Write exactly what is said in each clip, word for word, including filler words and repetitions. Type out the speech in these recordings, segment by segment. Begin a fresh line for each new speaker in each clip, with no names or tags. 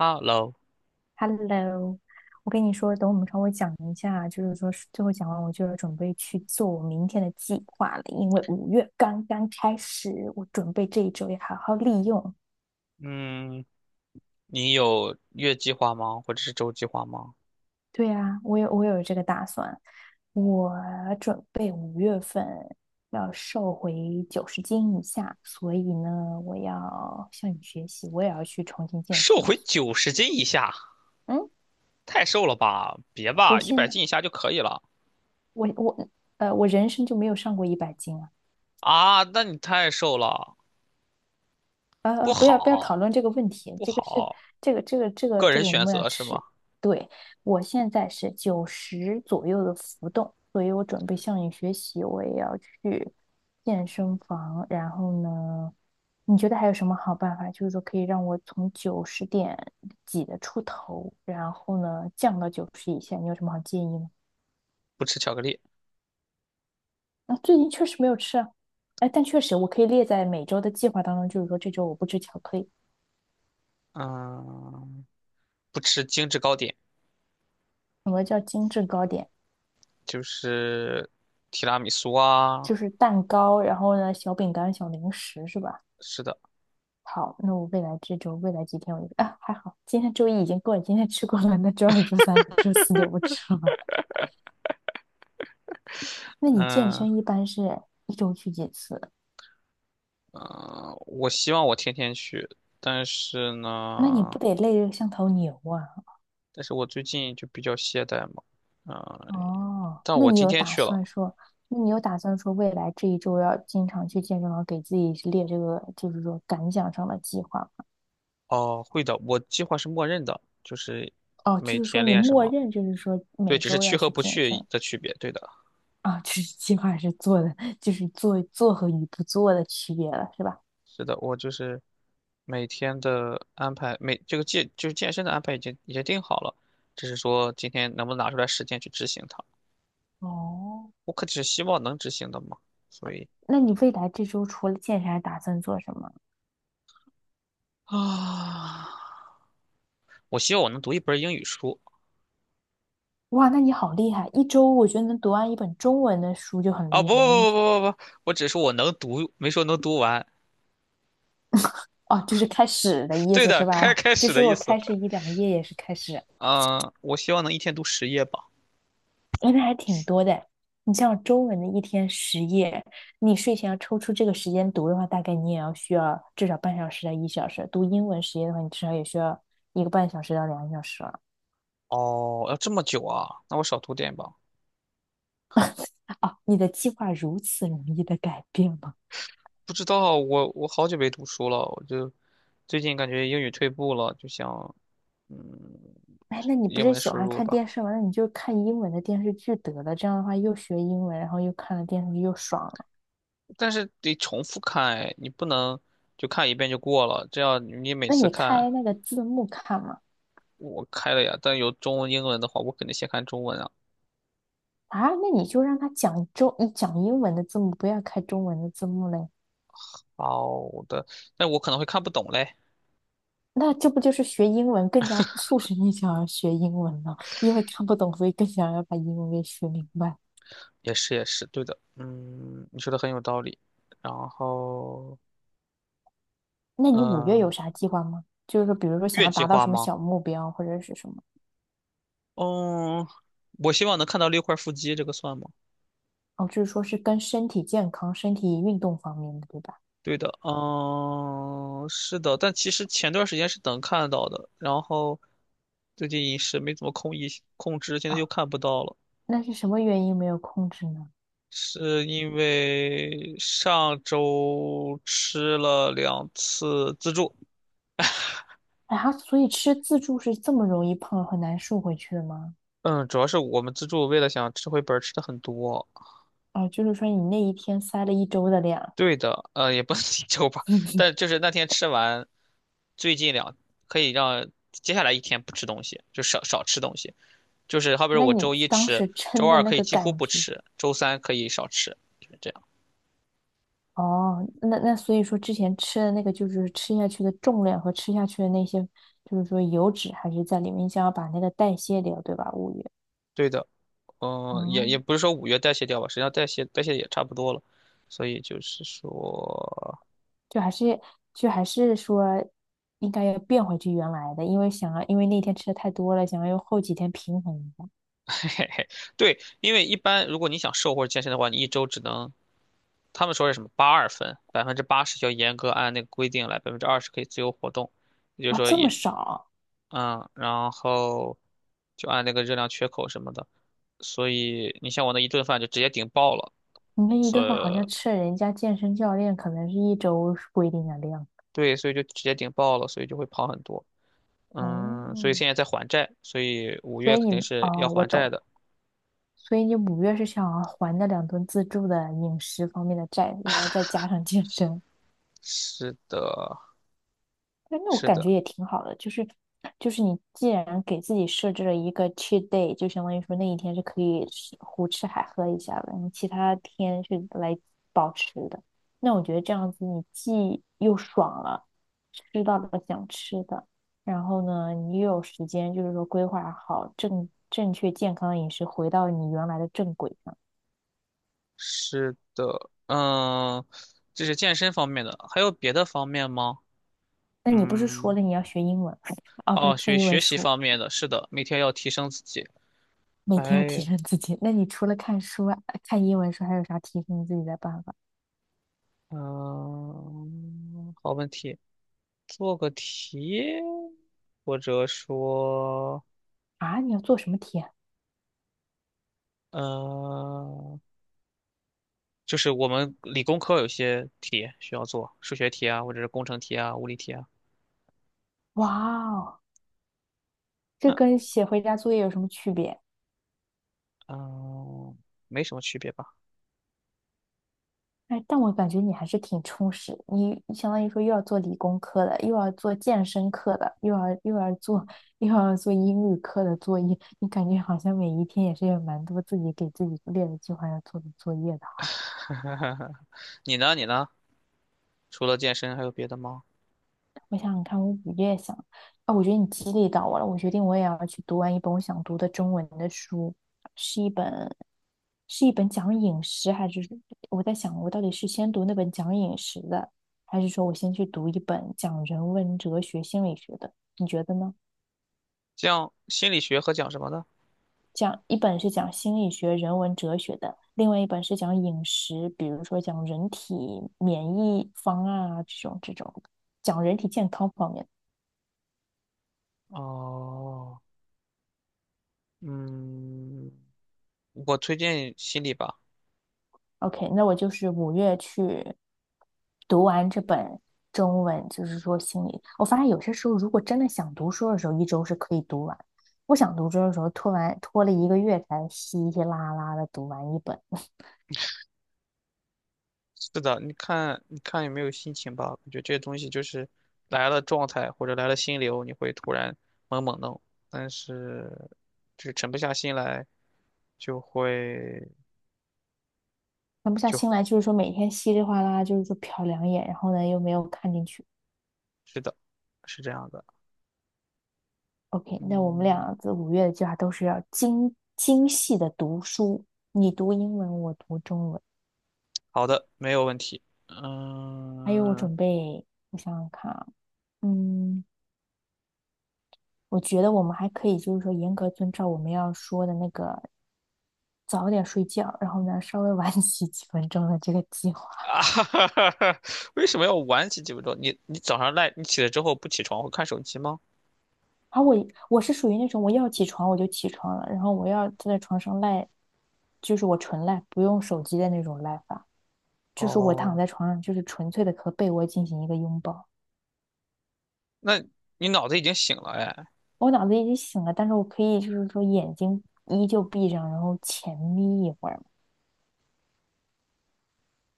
Hello,
Hello，我跟你说，等我们稍微讲一下，就是说是最后讲完，我就要准备去做我明天的计划了，因为五月刚刚开始，我准备这一周要好好利用。
嗯，你有月计划吗？或者是周计划吗？
对啊，我有我有这个打算，我准备五月份要瘦回九十斤以下，所以呢，我要向你学习，我也要去重新健
瘦
身了。
回九十斤以下，
嗯，
太瘦了吧？别吧，
我
一
现
百
在
斤以下就可以了。
我我呃，我人生就没有上过一百斤啊。
啊？那你太瘦了，
呃，
不
呃不要不要讨论
好，
这个问题，
不
这个是
好。
这个这个这个
个
这
人
个我
选
们要
择是吗？
吃。对，我现在是九十左右的浮动，所以我准备向你学习，我也要去健身房。然后呢，你觉得还有什么好办法？就是说可以让我从九十点几的出头，然后呢降到九十以下，你有什么好建议吗？
不吃巧克力。
啊，最近确实没有吃啊，哎，但确实我可以列在每周的计划当中，就是说这周我不吃巧克力。
嗯，不吃精致糕点，
什么叫精致糕点？
就是提拉米苏啊。
就是蛋糕，然后呢，小饼干、小零食是吧？
是的。
好，那我未来这周、未来几天我就啊，还好，今天周一已经过了，今天吃过了，那周二、周三、周四就不吃了。那你健
嗯
身一般是一周去几次？
嗯，我希望我天天去，但是
那你不
呢，
得累得像头牛啊？
但是我最近就比较懈怠嘛。嗯，
哦，
但
那
我
你
今
有
天
打
去了。
算说，那你有打算说未来这一周要经常去健身房，给自己列这个就是说感想上的计划吗？
哦，会的，我计划是默认的，就是
哦，
每
就是说
天
你
练什
默
么，
认就是说
对，
每
只是
周
去
要
和
去
不
健
去
身。
的区别，对的。
啊，就是计划是做的，就是做做和与不做的区别了，是吧？
是的，我就是每天的安排，每这个健就是健身的安排已经已经定好了，只是说今天能不能拿出来时间去执行它，
哦，
我可只是希望能执行的嘛，所以
那你未来这周除了健身，还打算做什么？
啊，我希望我能读一本英语书。
哇，那你好厉害！一周我觉得能读完一本中文的书就很
啊、不
厉害了。你
不
是
不不不不，我只说我能读，没说能读完。
哦，就是开始的意
对
思
的，
是
开
吧？
开
就
始
是
的意
我
思。
开始一两页也是开始，
嗯、我希望能一天读十页吧。
哎，那还挺多的。你像中文的一天十页，你睡前要抽出这个时间读的话，大概你也要需要至少半小时到一小时。读英文十页的话，你至少也需要一个半小时到两个小时了。
哦，要这么久啊？那我少读点吧。
哦，你的计划如此容易的改变吗？
不知道，我我好久没读书了，我就最近感觉英语退步了，就想嗯，
哎，那你不
英
是
文
喜
输
欢
入
看
吧。
电视吗？那你就看英文的电视剧得了，这样的话又学英文，然后又看了电视剧，又爽了。
但是得重复看，哎，你不能就看一遍就过了，这样你每
那
次
你
看
开那个字幕看嘛？
我开了呀，但有中文、英文的话，我肯定先看中文啊。
啊，那你就让他讲中，你讲英文的字幕，不要开中文的字幕嘞。
好的，但我可能会看不懂嘞。
那这不就是学英文更加促使你想要学英文了？因为看不懂，所以更想要把英文给学明白。
也是也是，对的。嗯，你说的很有道理。然后，
那你五月有
嗯，
啥计划吗？就是说，比如说想
月
要
计
达到
划
什么
吗？
小目标，或者是什么？
嗯，我希望能看到六块腹肌，这个算吗？
哦，就是说是跟身体健康、身体运动方面的，对吧？
对的。嗯，是的，但其实前段时间是能看到的，然后最近饮食没怎么控一控制，现在
啊，
又看不到了，
那是什么原因没有控制呢？
是因为上周吃了两次自助。
哎，他所以吃自助是这么容易胖很难瘦回去的吗？
嗯，主要是我们自助为了想吃回本儿吃的很多。
哦，就是说你那一天塞了一周的量，
对的，呃，也不能 一周吧，但就是那天吃完，最近两可以让接下来一天不吃东西，就少少吃东西。就是好比说
那
我
你
周一
当
吃，
时
周
撑的
二
那
可以
个
几乎
感
不
觉，
吃，周三可以少吃，就是这样。
哦，那那所以说之前吃的那个就是吃下去的重量和吃下去的那些，就是说油脂还是在里面，你想要把那个代谢掉，对吧？物欲。
对的。嗯、也
哦，
也不是说五月代谢掉吧，实际上代谢代谢也差不多了，所以就是说，
就还是就还是说应该要变回去原来的，因为想要因为那天吃的太多了，想要用后几天平衡一下。
嘿嘿嘿，对，因为一般如果你想瘦或者健身的话，你一周只能他们说是什么八二分，百分之八十要严格按那个规定来，百分之二十可以自由活动，也就是
哇，
说
这么
也
少！
嗯，然后就按那个热量缺口什么的，所以你像我那一顿饭就直接顶爆了，
你那一
所
顿饭好像
以
吃了人家健身教练可能是一周规定的量。
对，所以就直接顶爆了，所以就会跑很多。嗯，所
哦，
以现在在还债，所以五
所
月
以
肯定
你
是要
哦，我
还债
懂。
的。
所以你五月是想要还那两顿自助的饮食方面的债，然后再加上健身。
是的，
但那我
是
感觉
的，
也挺好的，就是就是你既然给自己设置了一个 cheat day，就相当于说那一天是可以吃胡吃海喝一下的，你其他天是来保持的。那我觉得这样子，你既又爽了，吃到了想吃的，然后呢，你又有时间，就是说规划好正正确健康的饮食，回到你原来的正轨上。
是的。嗯，这是健身方面的，还有别的方面吗？
那你不是说
嗯，
了你要学英文 啊，不是
哦，
看
学
英文
学习
书？
方面的，是的，每天要提升自己。
每天要提
哎，
升自己。那你除了看书啊看英文书，还有啥提升自己的办法
嗯，好问题。做个题，或者说，
啊？你要做什么题啊？
嗯。就是我们理工科有些题需要做，数学题啊，或者是工程题啊、物理题啊。
哇哦，这
嗯
跟写回家作业有什么区别？
嗯，没什么区别吧？
哎，但我感觉你还是挺充实，你相当于说又要做理工科的，又要做健身课的，又要又要做又要做英语课的作业，你感觉好像每一天也是有蛮多自己给自己列的计划要做的作业的哈。
你呢？你呢？除了健身还有别的吗？
我想想看，我五月想啊，我觉得你激励到我了，我决定我也要去读完一本我想读的中文的书，是一本是一本讲饮食，还是我在想我到底是先读那本讲饮食的，还是说我先去读一本讲人文哲学、心理学的？你觉得呢？
像心理学和讲什么的？
讲一本是讲心理学、人文哲学的，另外一本是讲饮食，比如说讲人体免疫方案啊这种这种，讲人体健康方面的。
哦，嗯，我推荐心理吧。
OK，那我就是五月去读完这本中文，就是说心里我发现有些时候如果真的想读书的时候，一周是可以读完；不想读书的时候，拖完拖了一个月才稀稀拉拉的读完一本。
是的，你看，你看有没有心情吧？我觉得这些东西就是来了状态或者来了心流，你会突然猛猛弄，但是就是沉不下心来，就会
那不下
就
心
会，
来，就是说每天稀里哗啦，就是说瞟两眼，然后呢又没有看进去。
是的，是这样的。
OK，那我们
嗯，
俩这五月的计划都是要精精细的读书，你读英文，我读中文，
好的，没有问题。
还有我
嗯
准备，我想想看啊，嗯。我觉得我们还可以就是说严格遵照我们要说的那个早点睡觉，然后呢稍微晚 起几分钟的这个计划。
啊，哈哈哈哈，为什么要晚起几分钟？你你早上赖，你起来之后不起床会看手机吗？
而我我是属于那种我要起床我就起床了，然后我要坐在床上赖，就是我纯赖，不用手机的那种赖法，就是我躺
哦，
在床上就是纯粹的和被窝进行一个拥抱。
那你脑子已经醒了哎。
我脑子已经醒了，但是我可以就是说眼睛依旧闭上，然后浅眯一会儿。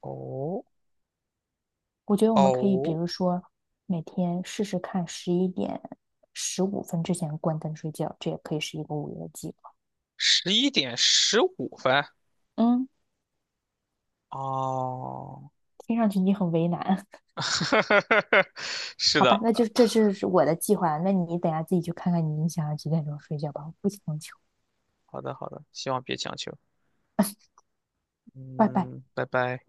哦
我觉得我们可以，比
哦。
如说每天试试看，十一点十五分之前关灯睡觉，这也可以是一个午夜计划。
十一点十五分。
嗯，
哦，
听上去你很为难，
是
好吧？
的。
那就这是我的计划，那你等下自己去看看你想要几点钟睡觉吧，我不强求。
好的好的，希望别强求。
拜拜。
嗯，拜拜。